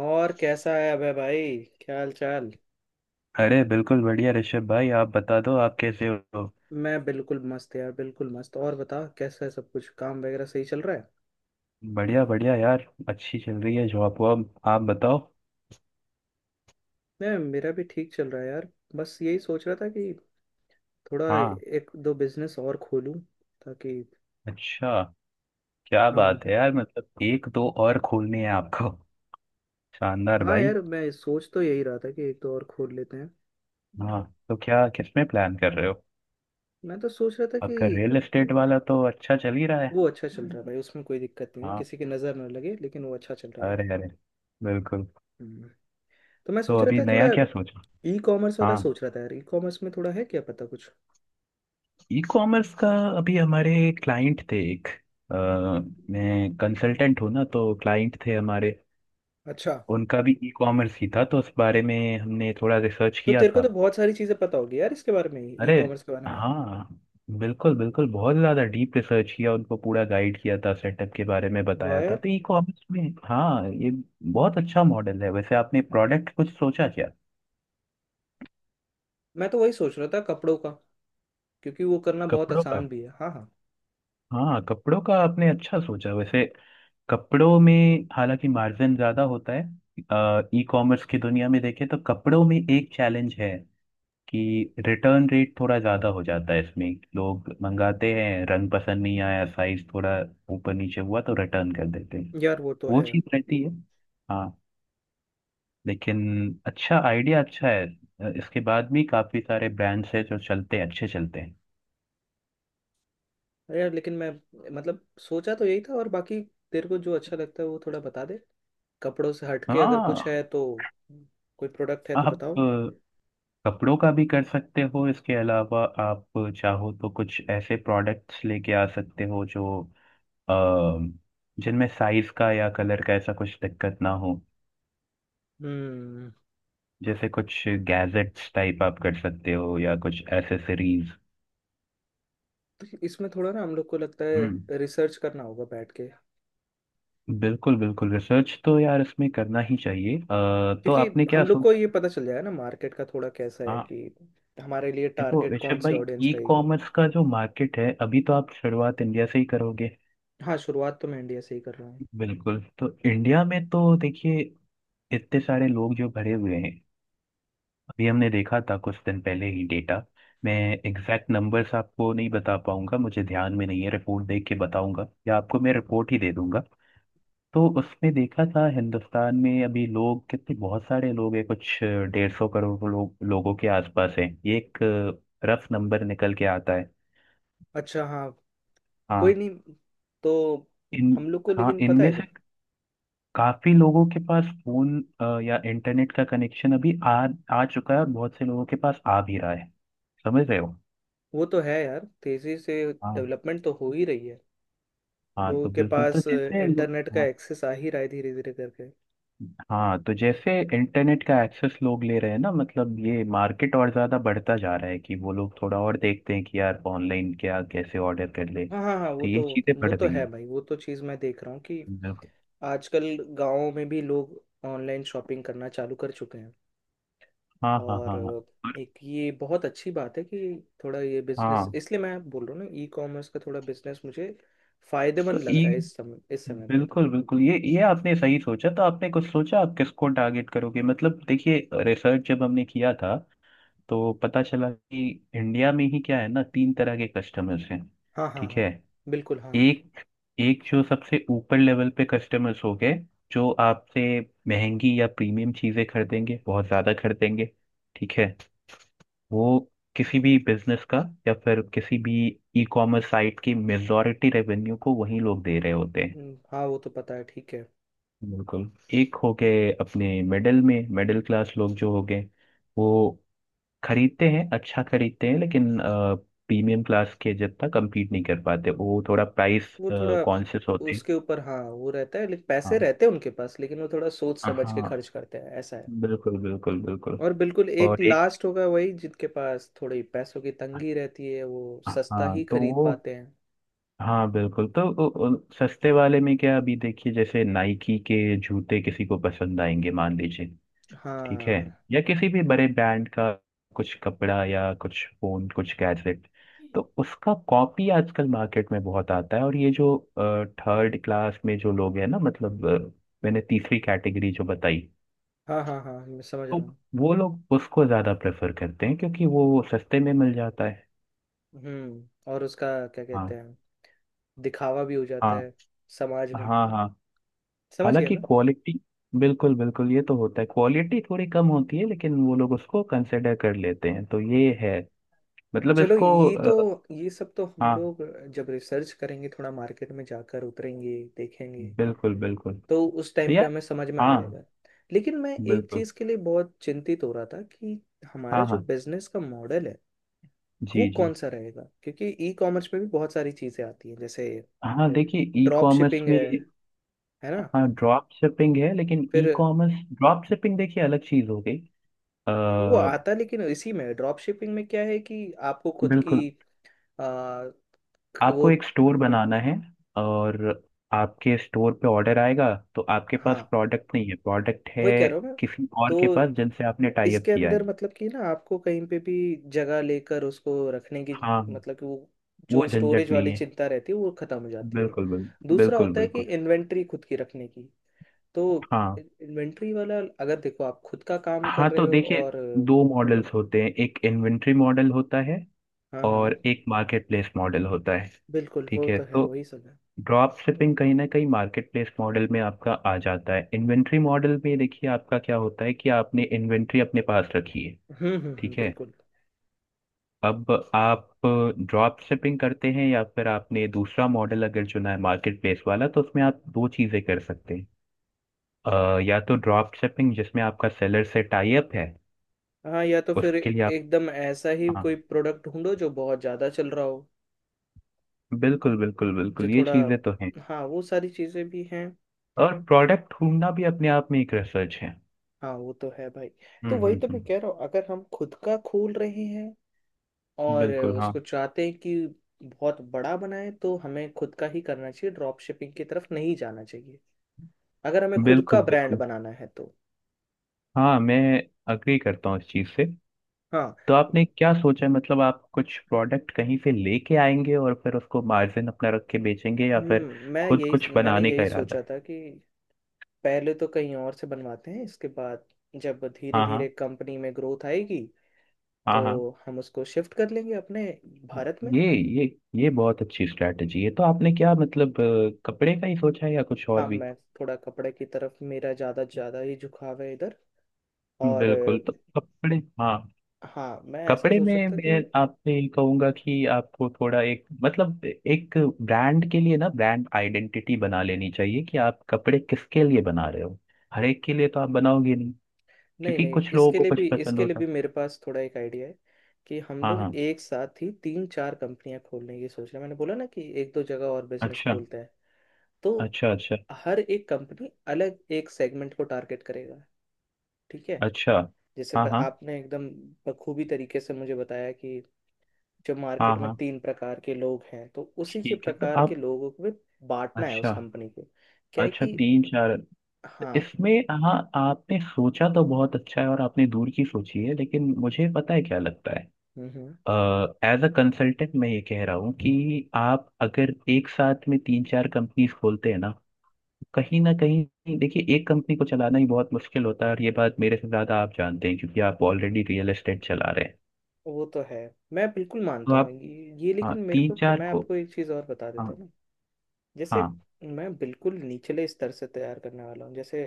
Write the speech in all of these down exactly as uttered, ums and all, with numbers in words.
और कैसा है अबे भाई, क्या हाल चाल? अरे बिल्कुल बढ़िया ऋषभ भाई, आप बता दो आप कैसे हो। मैं बिल्कुल मस्त यार, बिल्कुल मस्त। और बता, कैसा है सब कुछ? काम वगैरह सही चल रहा है? बढ़िया बढ़िया यार, अच्छी चल रही है जॉब वॉब। आप बताओ। नहीं, मेरा भी ठीक चल रहा है यार। बस यही सोच रहा था कि थोड़ा हाँ। एक दो बिजनेस और खोलूं, ताकि। अच्छा। क्या हाँ। बात है यार, मतलब एक दो और खोलनी है आपको? शानदार हाँ भाई। यार, मैं सोच तो यही रहा था कि एक दो और खोल लेते हैं। हाँ। तो क्या, किसमें प्लान कर रहे हो? मैं तो सोच रहा था कि। आपका रियल एस्टेट वाला तो अच्छा चल ही रहा है। वो अच्छा चल रहा है भाई, उसमें कोई दिक्कत नहीं है, हाँ। किसी की नज़र ना लगे, लेकिन वो अच्छा चल रहा है। अरे अरे। बिल्कुल। हम्म। तो मैं तो सोच रहा अभी था थोड़ा। नया क्या सोचा? ई कॉमर्स वाला हाँ। सोच रहा था यार, ई कॉमर्स में थोड़ा है, क्या पता कुछ। ई कॉमर्स का। अभी हमारे क्लाइंट थे एक। अ, मैं कंसल्टेंट हूँ ना, तो क्लाइंट थे हमारे। अच्छा। उनका भी ई कॉमर्स ही था, तो उस बारे में हमने थोड़ा रिसर्च तो किया तेरे को तो था। बहुत सारी चीजें पता होगी यार, इसके बारे में, ई अरे कॉमर्स के बारे में। हाँ। बिल्कुल बिल्कुल, बहुत ज़्यादा डीप रिसर्च किया, उनको पूरा गाइड किया था, सेटअप के बारे में वाह बताया था। यार। तो ई कॉमर्स में हाँ, ये बहुत अच्छा मॉडल है। वैसे आपने प्रोडक्ट कुछ सोचा क्या? मैं तो वही सोच रहा था, कपड़ों का। क्योंकि वो करना बहुत कपड़ों का? आसान भी है। हाँ, हाँ। हाँ, कपड़ों का आपने अच्छा सोचा वैसे। कपड़ों में हालांकि मार्जिन ज़्यादा होता है। ई कॉमर्स की दुनिया में देखें तो कपड़ों में एक चैलेंज है कि रिटर्न रेट थोड़ा ज़्यादा हो जाता है इसमें। लोग मंगाते हैं, रंग पसंद नहीं आया, साइज थोड़ा ऊपर नीचे हुआ तो रिटर्न कर देते हैं। यार वो तो वो है। चीज़ रहती है। हाँ। लेकिन अच्छा, आइडिया अच्छा है। अ, इसके बाद भी काफ़ी सारे ब्रांड्स हैं जो चलते हैं, अच्छे चलते हैं। अरे यार लेकिन मैं। मतलब सोचा तो यही था और बाकी। तेरे को जो अच्छा लगता है वो थोड़ा बता दे। कपड़ों से हटके अगर कुछ हाँ। है तो। कोई प्रोडक्ट है तो आप बताओ। अ, कपड़ों का भी कर सकते हो। इसके अलावा आप चाहो तो कुछ ऐसे प्रोडक्ट्स लेके आ सकते हो जो अ, जिनमें साइज का या कलर का ऐसा कुछ दिक्कत ना हो। हम्म। जैसे कुछ गैजेट्स टाइप आप कर सकते हो, या कुछ एसेसरीज। तो इसमें थोड़ा ना हम लोग को लगता हम्म। है रिसर्च करना होगा बैठ के। बिल्कुल बिल्कुल, रिसर्च तो यार इसमें करना ही चाहिए। अ, तो क्योंकि आपने क्या हम लोग को सोचा? ये पता चल जाएगा ना मार्केट का थोड़ा कैसा है हाँ कि हमारे लिए देखो टारगेट कौन ऋषभ सी भाई, ऑडियंस ई रहेगी। कॉमर्स का जो मार्केट है अभी, तो आप शुरुआत इंडिया से ही करोगे। हाँ, शुरुआत तो मैं इंडिया से ही कर रहा हूँ। बिल्कुल, तो इंडिया में तो देखिए, इतने सारे लोग जो भरे हुए हैं। अभी हमने देखा था कुछ दिन पहले ही डेटा। मैं एग्जैक्ट नंबर्स आपको नहीं बता पाऊंगा, मुझे ध्यान में नहीं है, रिपोर्ट देख के बताऊंगा या आपको मैं रिपोर्ट ही दे दूंगा। तो उसने देखा था, हिंदुस्तान में अभी लोग कितने, बहुत सारे लोग हैं, कुछ डेढ़ सौ करोड़ लोग, लोगों के आसपास हैं। ये एक रफ नंबर निकल के आता है। अच्छा। हाँ। कोई हाँ। नहीं। तो इन। हम लोग को हाँ, लेकिन पता इनमें है क्या? से काफी लोगों के पास फोन अ, या इंटरनेट का कनेक्शन अभी आ आ चुका है, और बहुत से लोगों के पास आ भी रहा है। समझ रहे हो? वो तो है यार, तेजी से हाँ डेवलपमेंट तो हो ही रही है। हाँ, लोगों तो के बिल्कुल, तो पास जैसे लो- इंटरनेट का हाँ एक्सेस आ ही रहा है धीरे धीरे करके। हाँ, तो जैसे इंटरनेट का एक्सेस लोग ले रहे हैं ना, मतलब ये मार्केट और ज़्यादा बढ़ता जा रहा है कि वो लोग थोड़ा और देखते हैं कि यार ऑनलाइन क्या, कैसे ऑर्डर कर ले, हाँ, हाँ, हाँ, वो तो तो। ये चीज़ें वो बढ़ तो रही है हैं। भाई, वो तो चीज़ मैं देख रहा हूँ कि बिल्कुल। आजकल गाँव में भी लोग ऑनलाइन शॉपिंग करना चालू कर चुके हैं। हाँ हाँ और हाँ हाँ। एक ये बहुत अच्छी बात है कि थोड़ा ये बिजनेस, हाँ, इसलिए मैं बोल रहा हूँ ना, ई कॉमर्स का थोड़ा बिजनेस मुझे तो फायदेमंद लग ये रहा है इस समय, इस समय पे तो। बिल्कुल बिल्कुल, ये ये आपने सही सोचा। तो आपने कुछ सोचा आप किसको टारगेट करोगे? मतलब देखिए, रिसर्च जब हमने किया था तो पता चला कि इंडिया में ही क्या है ना, तीन तरह के कस्टमर्स हैं। हाँ, हाँ, ठीक हाँ, है? बिल्कुल हाँ। एक, एक जो सबसे ऊपर लेवल पे कस्टमर्स हो गए, जो आपसे महंगी या प्रीमियम चीजें खरीदेंगे, बहुत ज्यादा खरीदेंगे। ठीक है? वो किसी भी बिजनेस का, या फिर किसी भी ई कॉमर्स साइट की मेजॉरिटी रेवेन्यू को वही लोग दे रहे होते हैं। हम्म, हाँ वो तो पता है, ठीक है। बिल्कुल। एक हो गए अपने मिडिल में, मिडिल क्लास लोग जो हो गए, वो खरीदते हैं, अच्छा खरीदते हैं, लेकिन प्रीमियम क्लास के जितना compete नहीं कर पाते। वो थोड़ा प्राइस वो थोड़ा कॉन्शियस होते हैं। उसके ऊपर, हाँ वो रहता है लेकिन पैसे हाँ रहते हैं उनके पास, लेकिन वो थोड़ा सोच समझ के हाँ। खर्च करते हैं ऐसा है। बिल्कुल बिल्कुल बिल्कुल। और बिल्कुल एक और एक। लास्ट होगा वही, जिनके पास थोड़ी पैसों की तंगी रहती है, वो सस्ता हाँ ही तो खरीद वो। पाते हैं। हाँ बिल्कुल। तो उ- उ- सस्ते वाले में क्या, अभी देखिए जैसे नाइकी के जूते किसी को पसंद आएंगे मान लीजिए। ठीक है? हाँ, या किसी भी बड़े ब्रांड का कुछ कपड़ा या कुछ फोन, कुछ गैजेट, तो उसका कॉपी आजकल मार्केट में बहुत आता है। और ये जो थर्ड क्लास में जो लोग हैं ना, मतलब अ, मैंने तीसरी कैटेगरी जो बताई, हाँ, हाँ, हाँ, मैं समझ तो रहा हूँ। वो लोग उसको ज्यादा प्रेफर करते हैं क्योंकि वो सस्ते में मिल जाता है। हम्म और उसका, क्या कहते हाँ हैं, दिखावा भी हो हाँ जाता है समाज में। हाँ हाँ। समझ गया हालांकि मैं। क्वालिटी। बिल्कुल बिल्कुल, ये तो होता है क्वालिटी थोड़ी कम होती है लेकिन वो लोग उसको कंसिडर कर लेते हैं। तो ये है मतलब चलो, इसको ये तो, अ, ये सब तो हम हाँ लोग जब रिसर्च करेंगे, थोड़ा मार्केट में जाकर उतरेंगे, देखेंगे। बिल्कुल बिल्कुल। तो उस तो टाइम पे यार हमें समझ में आ हाँ जाएगा। लेकिन मैं एक बिल्कुल। चीज़ के लिए बहुत चिंतित हो रहा था कि हमारा हाँ जो हाँ बिजनेस का मॉडल है वो जी जी। कौन सा रहेगा, क्योंकि ई कॉमर्स में भी बहुत सारी चीज़ें आती हैं, जैसे हाँ देखिए ई ड्रॉप कॉमर्स शिपिंग में। है है ना? हाँ ड्रॉप शिपिंग है, लेकिन ई फिर। कॉमर्स ड्रॉप शिपिंग देखिए अलग चीज हो गई। वो अ, आता लेकिन इसी में ड्रॉप शिपिंग में क्या है कि आपको खुद की बिल्कुल। आ, वो। आपको एक स्टोर बनाना है, और आपके स्टोर पे ऑर्डर आएगा तो आपके पास हाँ, प्रोडक्ट नहीं है, प्रोडक्ट वही कह है रहा हूँ मैं। किसी और के तो पास जिनसे आपने टाई अप इसके किया अंदर है। मतलब कि ना आपको कहीं पे भी जगह लेकर उसको रखने की, हाँ, मतलब कि वो वो जो स्टोरेज झंझट नहीं वाली है। चिंता रहती है वो खत्म हो जाती है। बिल्कुल बिल्कुल दूसरा बिल्कुल होता है कि बिल्कुल। इन्वेंट्री खुद की रखने की। तो हाँ इन्वेंट्री वाला अगर देखो, आप खुद का काम कर हाँ, रहे तो हो देखिए और। दो मॉडल्स होते हैं। एक इन्वेंट्री मॉडल होता है, हाँ, हाँ। और एक मार्केट प्लेस मॉडल होता है। बिल्कुल, वो ठीक है? तो है, तो वही सब है। ड्रॉप शिपिंग कहीं ना कहीं मार्केट प्लेस मॉडल में आपका आ जाता है। इन्वेंट्री मॉडल में देखिए आपका क्या होता है कि आपने इन्वेंट्री अपने पास रखी है। हम्म, हम्म, हम्म, ठीक है? बिल्कुल। अब आप ड्रॉप शिपिंग करते हैं, या फिर आपने दूसरा मॉडल अगर चुना है मार्केट प्लेस वाला, तो उसमें आप दो चीज़ें कर सकते हैं। अ, या तो ड्रॉप शिपिंग जिसमें आपका सेलर से टाई अप है, हाँ, या तो फिर उसके लिए आप। एकदम ऐसा ही हाँ। कोई प्रोडक्ट ढूंढो जो बहुत ज़्यादा चल रहा हो। बिल्कुल बिल्कुल जो बिल्कुल, ये थोड़ा। चीज़ें तो हैं। हाँ, वो सारी चीज़ें भी हैं। और प्रोडक्ट ढूंढना भी अपने आप में एक रिसर्च है। हाँ, वो तो है भाई। तो हम्म वही हम्म तो मैं हम्म। कह रहा हूँ, अगर हम खुद का खोल रहे हैं और बिल्कुल। हाँ, उसको चाहते हैं कि बहुत बड़ा बनाए तो हमें खुद का ही करना चाहिए, ड्रॉप शिपिंग की तरफ नहीं जाना चाहिए, अगर हमें खुद बिल्कुल का ब्रांड बिल्कुल। बनाना है तो। हाँ, मैं अग्री करता हूँ इस चीज़ से। हाँ। तो आपने क्या सोचा है, मतलब आप कुछ प्रोडक्ट कहीं से लेके आएंगे और फिर उसको मार्जिन अपना रख के बेचेंगे, या फिर हम्म, मैं खुद कुछ यही मैंने बनाने का यही सोचा इरादा? था कि पहले तो कहीं और से बनवाते हैं, इसके बाद जब धीरे हाँ हाँ धीरे कंपनी में ग्रोथ आएगी हाँ तो हाँ। हम उसको शिफ्ट कर लेंगे अपने भारत में। ये ये ये बहुत अच्छी स्ट्रैटेजी है। तो आपने क्या मतलब अ, कपड़े का ही सोचा है या कुछ और हाँ, भी? मैं थोड़ा कपड़े की तरफ मेरा ज़्यादा ज़्यादा ही झुकाव है इधर, और बिल्कुल अ, तो कपड़े, हाँ। हाँ, मैं ऐसा कपड़े सोच में रहा था मैं कि। आपसे ये कहूंगा कि आपको थोड़ा एक मतलब एक ब्रांड के लिए ना ब्रांड आइडेंटिटी बना लेनी चाहिए कि आप कपड़े किसके लिए बना रहे हो। हर एक के लिए तो आप बनाओगे, नहीं क्योंकि नहीं, कुछ लोगों इसके को लिए कुछ भी पसंद इसके लिए होता। भी मेरे पास थोड़ा एक आइडिया है कि हम हाँ लोग हाँ। एक साथ ही तीन चार कंपनियां खोलने की सोच रहे हैं, मैंने बोला ना कि एक दो जगह और बिजनेस अच्छा खोलते हैं। तो अच्छा। अच्छा हर एक कंपनी अलग एक सेगमेंट को टारगेट करेगा, ठीक है। अच्छा। जैसे हाँ ब- हाँ आपने एकदम बखूबी तरीके से मुझे बताया कि जो हाँ मार्केट में हाँ। तीन प्रकार के लोग हैं, तो उसी के ठीक है। तो प्रकार के आप। लोगों को भी बांटना है उस अच्छा कंपनी को। क्या है अच्छा। कि। तीन चार। तो हाँ, इसमें हाँ, आपने सोचा तो बहुत अच्छा है और आपने दूर की सोची है, लेकिन मुझे पता है क्या लगता है। हम्म, हम्म। एज अ कंसल्टेंट मैं ये कह रहा हूँ कि आप अगर एक साथ में तीन चार कंपनीज खोलते हैं ना, कहीं ना कहीं देखिए एक कंपनी को चलाना ही बहुत मुश्किल होता है। और ये बात मेरे से ज्यादा आप जानते हैं, क्योंकि आप ऑलरेडी रियल एस्टेट चला रहे हैं। वो तो है, मैं बिल्कुल तो मानता हूँ आप। ये, ये हाँ लेकिन मेरे तीन को, चार मैं को। आपको एक चीज़ और बता देता हाँ हूँ ना। जैसे, हाँ मैं बिल्कुल निचले स्तर से तैयार करने वाला हूँ। जैसे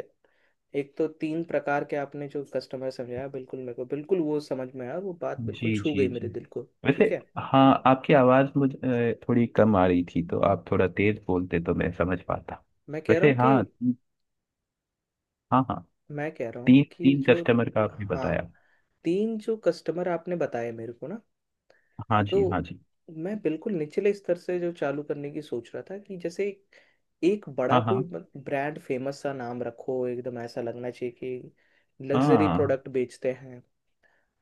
एक, तो तीन प्रकार के आपने जो कस्टमर समझाया बिल्कुल मेरे को, बिल्कुल वो समझ में आया और वो बात बिल्कुल जी छू जी गई जी। मेरे दिल को, वैसे ठीक है। हाँ, आपकी आवाज़ मुझे अ, थोड़ी कम आ रही थी, तो आप थोड़ा तेज बोलते तो मैं समझ पाता। मैं कह रहा वैसे हूँ कि। हाँ ती- हाँ हाँ। मैं कह रहा हूँ तीन कि तीन जो। कस्टमर का आपने हाँ, बताया। तीन जो कस्टमर आपने बताए मेरे को ना। हाँ जी हाँ तो जी। मैं बिल्कुल निचले स्तर से जो चालू करने की सोच रहा था, कि जैसे एक, एक बड़ा हाँ कोई हाँ ब्रांड फेमस सा नाम रखो, एकदम ऐसा लगना चाहिए कि लग्जरी हाँ। प्रोडक्ट बेचते हैं।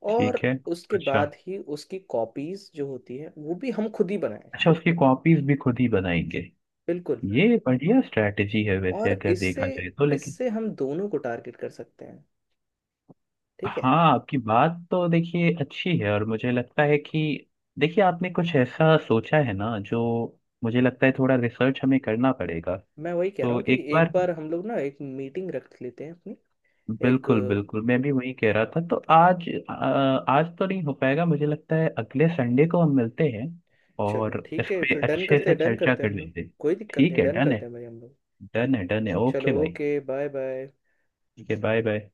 ठीक और है। उसके अच्छा। बाद ही उसकी कॉपीज जो होती है वो भी हम खुद ही बनाएं। अच्छा उसकी कॉपीज भी खुद ही बनाएंगे? बिल्कुल। ये बढ़िया स्ट्रैटेजी है वैसे और अगर इससे देखा जाए तो। लेकिन इससे हम दोनों को टारगेट कर सकते हैं, ठीक है। हाँ, आपकी बात तो देखिए अच्छी है, और मुझे लगता है कि देखिए आपने कुछ ऐसा सोचा है ना, जो मुझे लगता है थोड़ा रिसर्च हमें करना पड़ेगा। मैं वही कह रहा तो हूँ कि एक एक बार बार हम लोग ना एक मीटिंग रख लेते हैं अपनी एक बिल्कुल अ, बिल्कुल, मैं भी वही कह रहा था। तो आज अ, आज तो नहीं हो पाएगा मुझे लगता है, अगले संडे को हम मिलते हैं चलो और इस ठीक है, पे फिर डन अच्छे करते से हैं, डन चर्चा करते हैं कर हम लोग। लेते हैं। कोई दिक्कत ठीक नहीं, है। डन डन है करते हैं भाई हम लोग। डन है डन है। ओके चलो, भाई। ओके। Bye bye. ठीक है। Bye bye.